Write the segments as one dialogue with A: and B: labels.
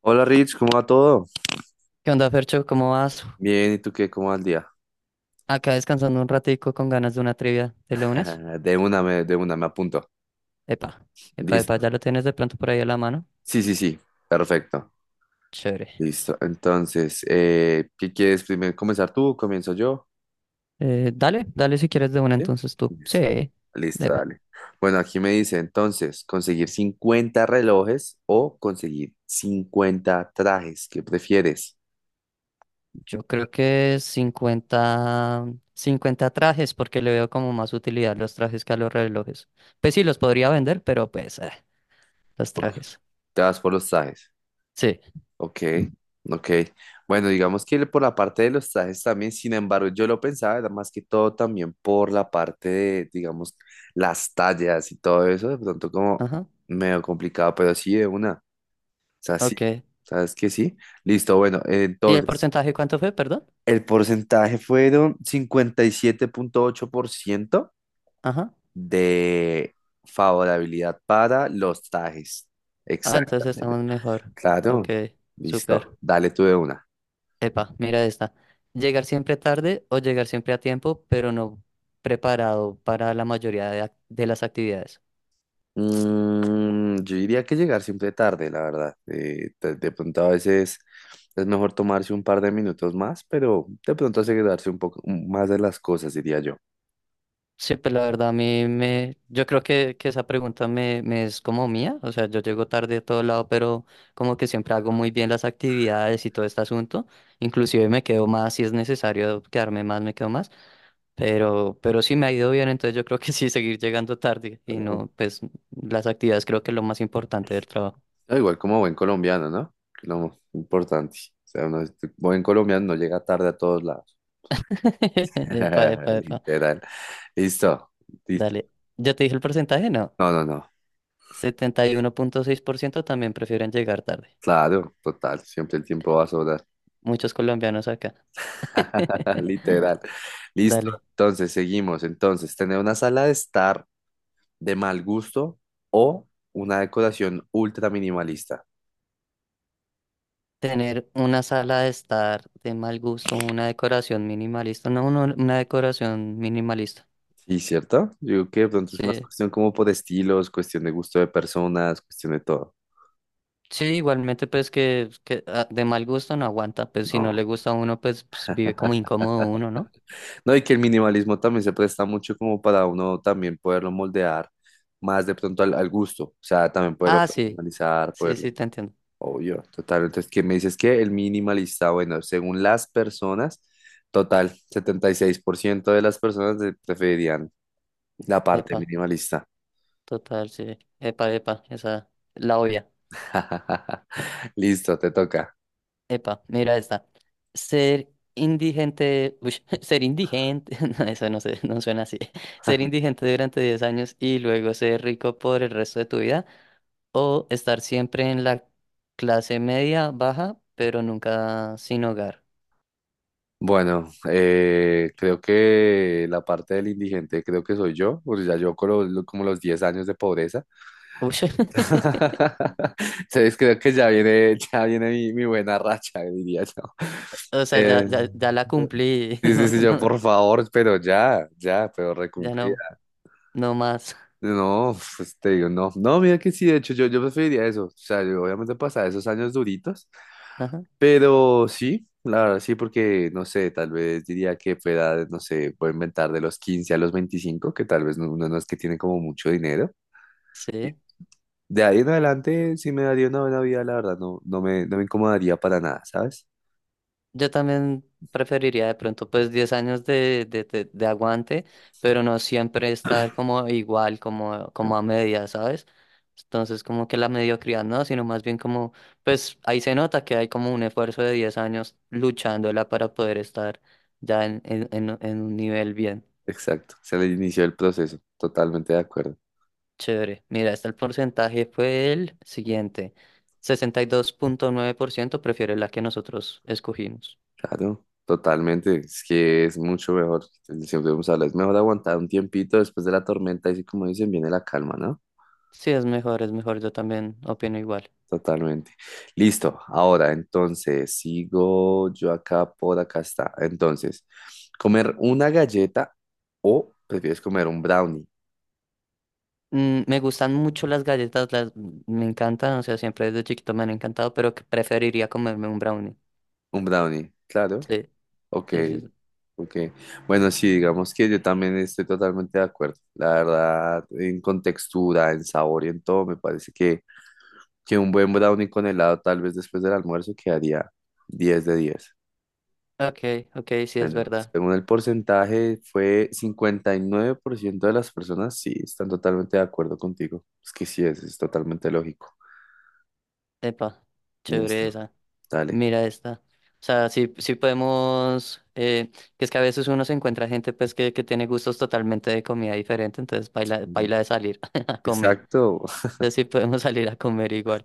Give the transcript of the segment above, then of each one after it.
A: Hola Rich, ¿cómo va todo?
B: ¿Qué onda, Fercho? ¿Cómo vas?
A: Bien, ¿y tú qué? ¿Cómo va el día?
B: Acá descansando un ratico con ganas de una trivia de lunes.
A: De una, me apunto.
B: Epa, epa, epa,
A: Listo.
B: ya lo tienes de pronto por ahí a la mano.
A: Sí, sí, sí, perfecto.
B: Chévere.
A: Listo. Entonces, ¿qué quieres primero comenzar tú? ¿Comienzo yo?
B: Dale, dale, si quieres de una
A: ¿Sí?
B: entonces tú. Sí,
A: Listo. Listo,
B: epa.
A: dale. Bueno, aquí me dice entonces, ¿conseguir 50 relojes o conseguir 50 trajes? ¿Qué prefieres?
B: Yo creo que cincuenta trajes, porque le veo como más utilidad a los trajes que a los relojes. Pues sí, los podría vender, pero pues los
A: Ok,
B: trajes.
A: te vas por los trajes.
B: Sí,
A: Ok, ok. Bueno, digamos que por la parte de los trajes también, sin embargo, yo lo pensaba, era más que todo también por la parte de, digamos, las tallas y todo eso, de pronto como
B: ajá,
A: medio complicado, pero sí de una. O sea, sí,
B: ok.
A: ¿sabes qué? Sí. Listo, bueno,
B: ¿Y el
A: entonces,
B: porcentaje cuánto fue, perdón?
A: el porcentaje fueron 57,8%
B: Ajá.
A: de favorabilidad para los trajes.
B: Ah, entonces estamos
A: Exactamente.
B: mejor. Ok,
A: Claro,
B: súper.
A: listo, dale tú de una.
B: Epa, mira esta. Llegar siempre tarde, o llegar siempre a tiempo pero no preparado para la mayoría de las actividades.
A: Yo diría que llegar siempre tarde, la verdad. De pronto a veces es mejor tomarse un par de minutos más, pero de pronto asegurarse un poco más de las cosas, diría yo.
B: Sí, pues la verdad a mí Yo creo que esa pregunta me es como mía. O sea, yo llego tarde a todo lado, pero como que siempre hago muy bien las actividades y todo este asunto. Inclusive me quedo más, si es necesario quedarme más, me quedo más. Pero sí me ha ido bien, entonces yo creo que sí, seguir llegando tarde y
A: Pero
B: no, pues las actividades, creo que es lo más importante del trabajo.
A: da igual como buen colombiano, ¿no? Que lo importante. O sea, buen colombiano no llega tarde a todos lados.
B: Epa, epa, epa.
A: Literal. Listo, listo.
B: Dale. Ya te dije el porcentaje, no.
A: No, no, no.
B: 71,6% también prefieren llegar tarde.
A: Claro, total. Siempre el tiempo va a sobrar.
B: Muchos colombianos acá.
A: Literal. Listo.
B: Dale.
A: Entonces, seguimos. Entonces, tener una sala de estar de mal gusto o una decoración ultra minimalista.
B: Tener una sala de estar de mal gusto, una decoración minimalista. No, no, una decoración minimalista.
A: Sí, ¿cierto? Yo digo que de pronto es más
B: Sí.
A: cuestión como por estilos, cuestión de gusto de personas, cuestión de todo.
B: Sí, igualmente pues que de mal gusto no aguanta. Pues si no
A: No.
B: le gusta a uno, pues, vive como incómodo uno, ¿no?
A: No, y que el minimalismo también se presta mucho como para uno también poderlo moldear más de pronto al, al gusto. O sea, también poderlo
B: Ah, sí.
A: personalizar,
B: Sí,
A: poderlo.
B: sí, te entiendo.
A: Obvio, total. Entonces, ¿qué me dices que el minimalista? Bueno, según las personas, total, 76% de las personas preferirían la parte
B: Epa,
A: minimalista.
B: total, sí. Epa, epa, esa, la obvia.
A: Listo, te toca.
B: Epa, mira esta. Ser indigente, uy, ser indigente, no, eso no sé, no suena así. Ser indigente durante 10 años y luego ser rico por el resto de tu vida, o estar siempre en la clase media baja, pero nunca sin hogar.
A: Bueno, creo que la parte del indigente creo que soy yo, porque ya yo como los 10 años de pobreza.
B: Uy,
A: Entonces creo que ya viene mi buena racha, diría yo.
B: o sea, ya,
A: Eh,
B: ya, ya la cumplí,
A: sí, sí,
B: no,
A: sí, yo
B: no,
A: por favor, pero ya, ya, pero
B: ya no,
A: recumplida.
B: no más.
A: No, pues te digo, no, no, mira que sí, de hecho yo preferiría eso. O sea, yo obviamente pasar esos años duritos.
B: Ajá,
A: Pero sí, la verdad sí, porque no sé, tal vez diría que fue edad, no sé, puedo inventar de los 15 a los 25 que tal vez uno no es que tiene como mucho dinero.
B: sí.
A: De ahí en adelante sí me daría una buena vida, la verdad, no, no me incomodaría para nada, ¿sabes?
B: Yo también preferiría de pronto pues 10 años de aguante, pero no siempre estar como igual, como,
A: Ah,
B: como a media, ¿sabes? Entonces, como que la mediocridad no, sino más bien como, pues, ahí se nota que hay como un esfuerzo de 10 años luchándola para poder estar ya en un nivel bien
A: exacto, se le inició el proceso, totalmente de acuerdo.
B: chévere. Mira, este, el porcentaje fue el siguiente. 62,9% prefiere la que nosotros escogimos.
A: Claro, totalmente, es que es mucho mejor, siempre vamos a hablar, es mejor aguantar un tiempito después de la tormenta y así como dicen, viene la calma, ¿no?
B: Sí, es mejor, yo también opino igual.
A: Totalmente. Listo. Ahora, entonces, sigo yo acá, por acá está. Entonces, ¿comer una galleta o prefieres comer un brownie?
B: Me gustan mucho las galletas, me encantan, o sea, siempre desde chiquito me han encantado, pero que preferiría comerme un brownie.
A: Un brownie, claro.
B: Sí,
A: Ok,
B: sí, sí. Sí.
A: ok. Bueno, sí, digamos que yo también estoy totalmente de acuerdo. La verdad, en contextura, en sabor y en todo, me parece que un buen brownie con helado, tal vez después del almuerzo, quedaría 10 de 10.
B: Ok, ok, sí, es
A: Bueno,
B: verdad.
A: según el porcentaje, fue 59% de las personas sí están totalmente de acuerdo contigo. Es que sí, es totalmente lógico.
B: Epa,
A: Listo,
B: chévere esa.
A: dale.
B: Mira esta. O sea, sí, sí podemos, que es que a veces uno se encuentra gente pues que tiene gustos totalmente de comida diferente, entonces baila, baila de salir a comer.
A: Exacto,
B: Entonces sí podemos salir a comer igual.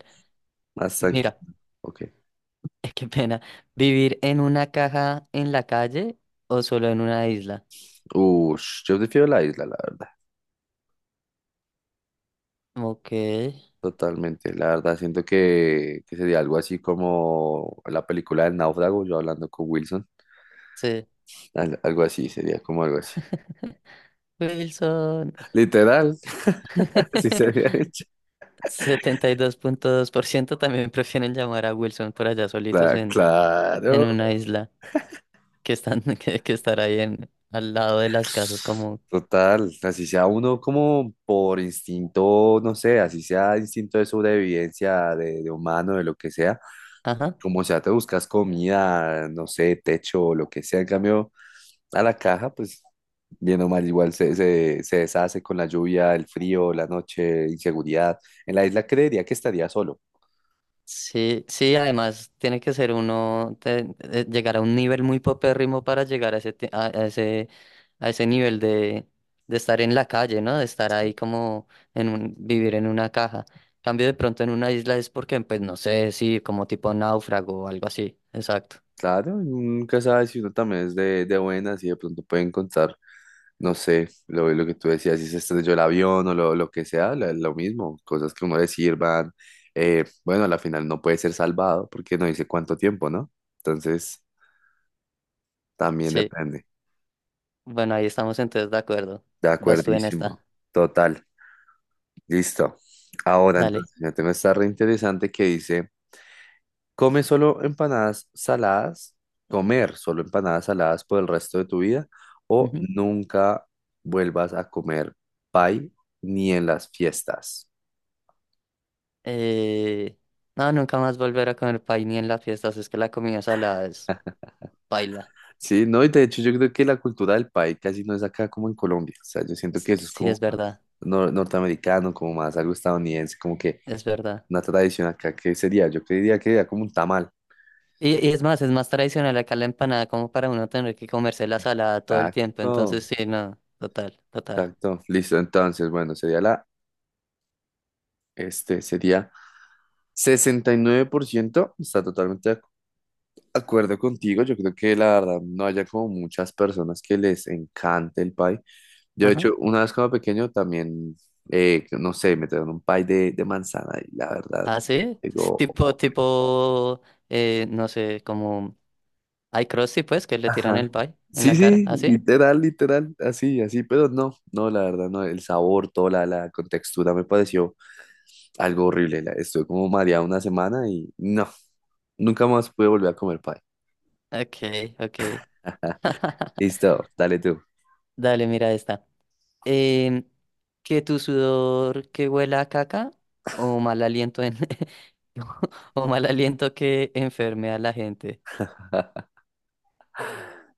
A: más
B: Mira,
A: tranquilo. Ok.
B: qué pena. ¿Vivir en una caja en la calle o solo en una isla?
A: Ush, yo prefiero la isla, la verdad.
B: Ok,
A: Totalmente, la verdad. Siento que sería algo así como la película del náufrago, yo hablando con Wilson.
B: sí.
A: Algo así, sería como algo así.
B: Wilson.
A: Literal, así sería hecho.
B: Setenta y dos punto dos por ciento también prefieren llamar a Wilson por allá solitos en
A: Claro.
B: una isla, que están que estar ahí en al lado de las casas, como,
A: Total, así sea uno como por instinto, no sé, así sea instinto de sobrevivencia, de humano, de lo que sea,
B: ajá.
A: como sea, te buscas comida, no sé, techo, lo que sea, en cambio, a la caja, pues bien o mal, igual se deshace con la lluvia, el frío, la noche, inseguridad. En la isla creería que estaría solo.
B: Sí, sí, además tiene que ser uno, llegar a un nivel muy popérrimo para llegar a ese, a ese, a ese nivel de estar en la calle, ¿no? De estar ahí como vivir en una caja. Cambio, de pronto en una isla es porque, pues no sé, sí, como tipo náufrago o algo así. Exacto.
A: Claro, y uno nunca sabe si uno también es de buenas y de pronto puede encontrar, no sé, lo que tú decías, si se estrelló el avión o lo que sea, lo mismo, cosas que uno le sirvan. Bueno, a la final no puede ser salvado porque no dice cuánto tiempo, ¿no? Entonces, también
B: Sí.
A: depende.
B: Bueno, ahí estamos entonces de acuerdo.
A: De
B: Vas tú en
A: acuerdísimo.
B: esta.
A: Total. Listo. Ahora,
B: Dale.
A: entonces, ya tengo esta re interesante que dice. ¿Come solo empanadas saladas? ¿Comer solo empanadas saladas por el resto de tu vida? ¿O
B: Ujú.
A: nunca vuelvas a comer pie ni en las fiestas?
B: Eh, no, nunca más volver a comer pay ni en las fiestas. Es que la comida salada es paila.
A: Sí, no, y de hecho yo creo que la cultura del pie casi no es acá como en Colombia. O sea, yo siento que
B: S-
A: eso es
B: Sí,
A: como
B: es
A: más
B: verdad.
A: norteamericano, como más algo estadounidense, como que
B: Es verdad.
A: una tradición acá que sería, yo creería que sería como un tamal.
B: Y es más tradicional acá la empanada, como para uno tener que comerse la salada todo el tiempo. Entonces,
A: Exacto,
B: sí, no, total, total.
A: exacto. Listo, entonces, bueno, sería la, este, sería... 69% está totalmente de acuerdo contigo, yo creo que la verdad no haya como muchas personas que les encante el pie. Yo de
B: Ajá.
A: hecho, una vez cuando pequeño también, no sé, me trajeron un pie de manzana y la verdad,
B: Ah, sí, es
A: digo,
B: tipo, no sé, como hay Crusty, pues, que le tiran
A: ajá.
B: el pie en
A: Sí,
B: la cara,
A: sí,
B: así.
A: literal, literal, así, así, pero no, no, la verdad, no, el sabor, toda la contextura me pareció algo horrible. Estuve como mareado una semana y no, nunca más pude volver a comer pie.
B: Okay, okay.
A: Listo, dale tú.
B: Dale, mira esta. Em, que tu sudor que huela a caca, o mal aliento en... o mal aliento que enferme a la gente.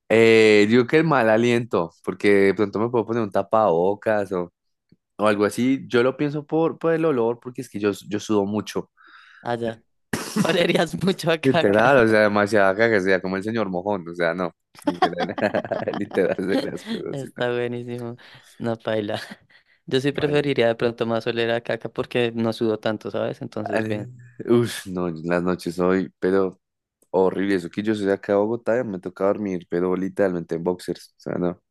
A: Digo que el mal aliento, porque de pronto me puedo poner un tapabocas o, algo así. Yo lo pienso por el olor, porque es que yo sudo mucho.
B: Allá. Olerías mucho a caca.
A: Literal, o sea, demasiada caga, o sea, como el señor mojón, o sea, no. Literal, literal de las cosas, así, ¿no?
B: Está buenísimo. No, paila. Yo sí
A: Bueno.
B: preferiría de pronto más oler a caca, porque no sudo tanto, ¿sabes? Entonces,
A: Eh,
B: bien.
A: Uf, no, las noches hoy, pero horrible. Eso que yo soy de acá de Bogotá, y me toca dormir, pero literalmente en boxers, o sea, no.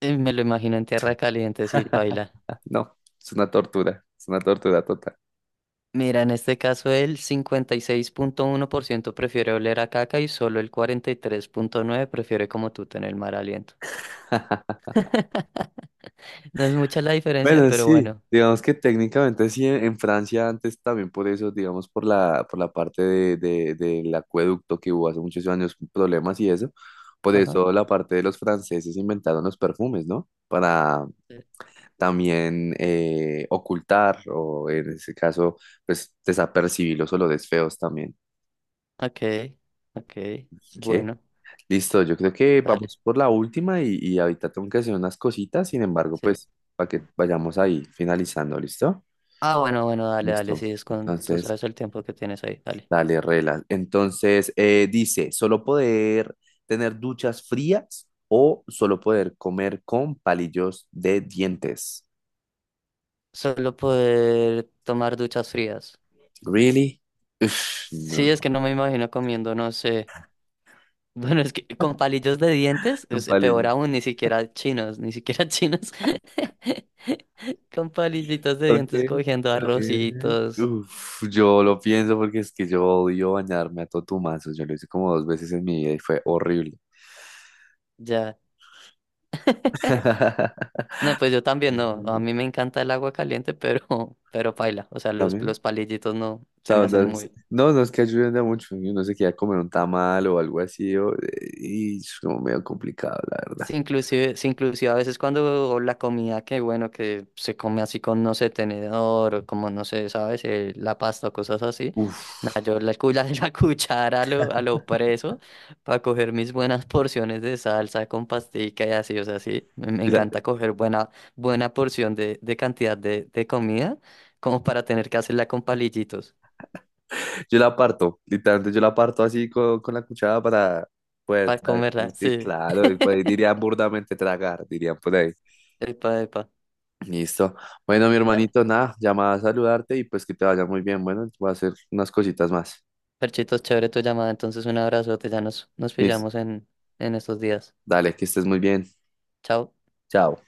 B: Me lo imagino en tierra caliente, sí, paila.
A: No, es una tortura total.
B: Mira, en este caso el 56,1% prefiere oler a caca, y solo el 43,9% prefiere, como tú, tener mal aliento. No es mucha la diferencia,
A: Bueno,
B: pero
A: sí,
B: bueno.
A: digamos que técnicamente sí, en Francia antes también por eso, digamos por la parte del acueducto que hubo hace muchos años, problemas y eso, por
B: Ajá.
A: eso la parte de los franceses inventaron los perfumes, ¿no? Para
B: Sí.
A: también ocultar o en ese caso, pues desapercibir los olores feos también.
B: Ok, ok.
A: ¿Qué?
B: Bueno,
A: Listo, yo creo que
B: dale.
A: vamos por la última y ahorita tengo que hacer unas cositas, sin embargo,
B: Sí.
A: pues para que vayamos ahí finalizando, ¿listo?
B: Ah, bueno, bueno, dale, dale,
A: Listo.
B: sí, es con, tú
A: Entonces,
B: sabes el tiempo que tienes ahí, dale.
A: dale, reglas entonces, dice, ¿solo poder tener duchas frías o solo poder comer con palillos de dientes?
B: Solo poder tomar duchas frías.
A: Really? Uf,
B: Sí, es
A: no.
B: que no me imagino comiendo, no sé. Bueno, es que con palillos de dientes
A: Un
B: es peor
A: palillo.
B: aún, ni siquiera chinos, ni siquiera chinos. Con palillitos de
A: Ok,
B: dientes cogiendo
A: ok.
B: arrocitos,
A: Uf, yo lo pienso porque es que yo odio bañarme a totumazos. Yo lo hice como dos veces en mi vida y fue horrible.
B: ya. No, pues yo también no. A
A: Ujú.
B: mí me encanta el agua caliente, pero paila. O sea, los,
A: ¿También?
B: los palillitos no se me hacen
A: No, sí.
B: muy.
A: No, no, es que ayuden a mucho. Y uno se queda a comer un tamal o algo así. Y es como medio complicado, la verdad.
B: Sí, inclusive a veces cuando la comida que, bueno, que se come así con, no sé, tenedor o como, no sé, ¿sabes? La pasta o cosas así. Nah,
A: Uf.
B: yo la cuchara, a lo preso, para coger mis buenas porciones de salsa con pastica y así, o sea, sí, me
A: Yo la,
B: encanta coger buena, buena porción de cantidad de comida, como para tener que hacerla con palillitos,
A: yo la parto, literalmente yo la parto así con la cuchara para poder
B: para
A: tragar.
B: comerla,
A: Sí,
B: sí,
A: claro, y pues dirían burdamente tragar, dirían por ahí.
B: epa, epa.
A: Listo. Bueno, mi
B: Dale.
A: hermanito, nada, llamada a saludarte y pues que te vaya muy bien. Bueno, voy a hacer unas cositas más.
B: Perchitos, chévere tu llamada. Entonces, un abrazote. Ya nos
A: Listo.
B: pillamos en estos días.
A: Dale, que estés muy bien.
B: Chao.
A: Chao.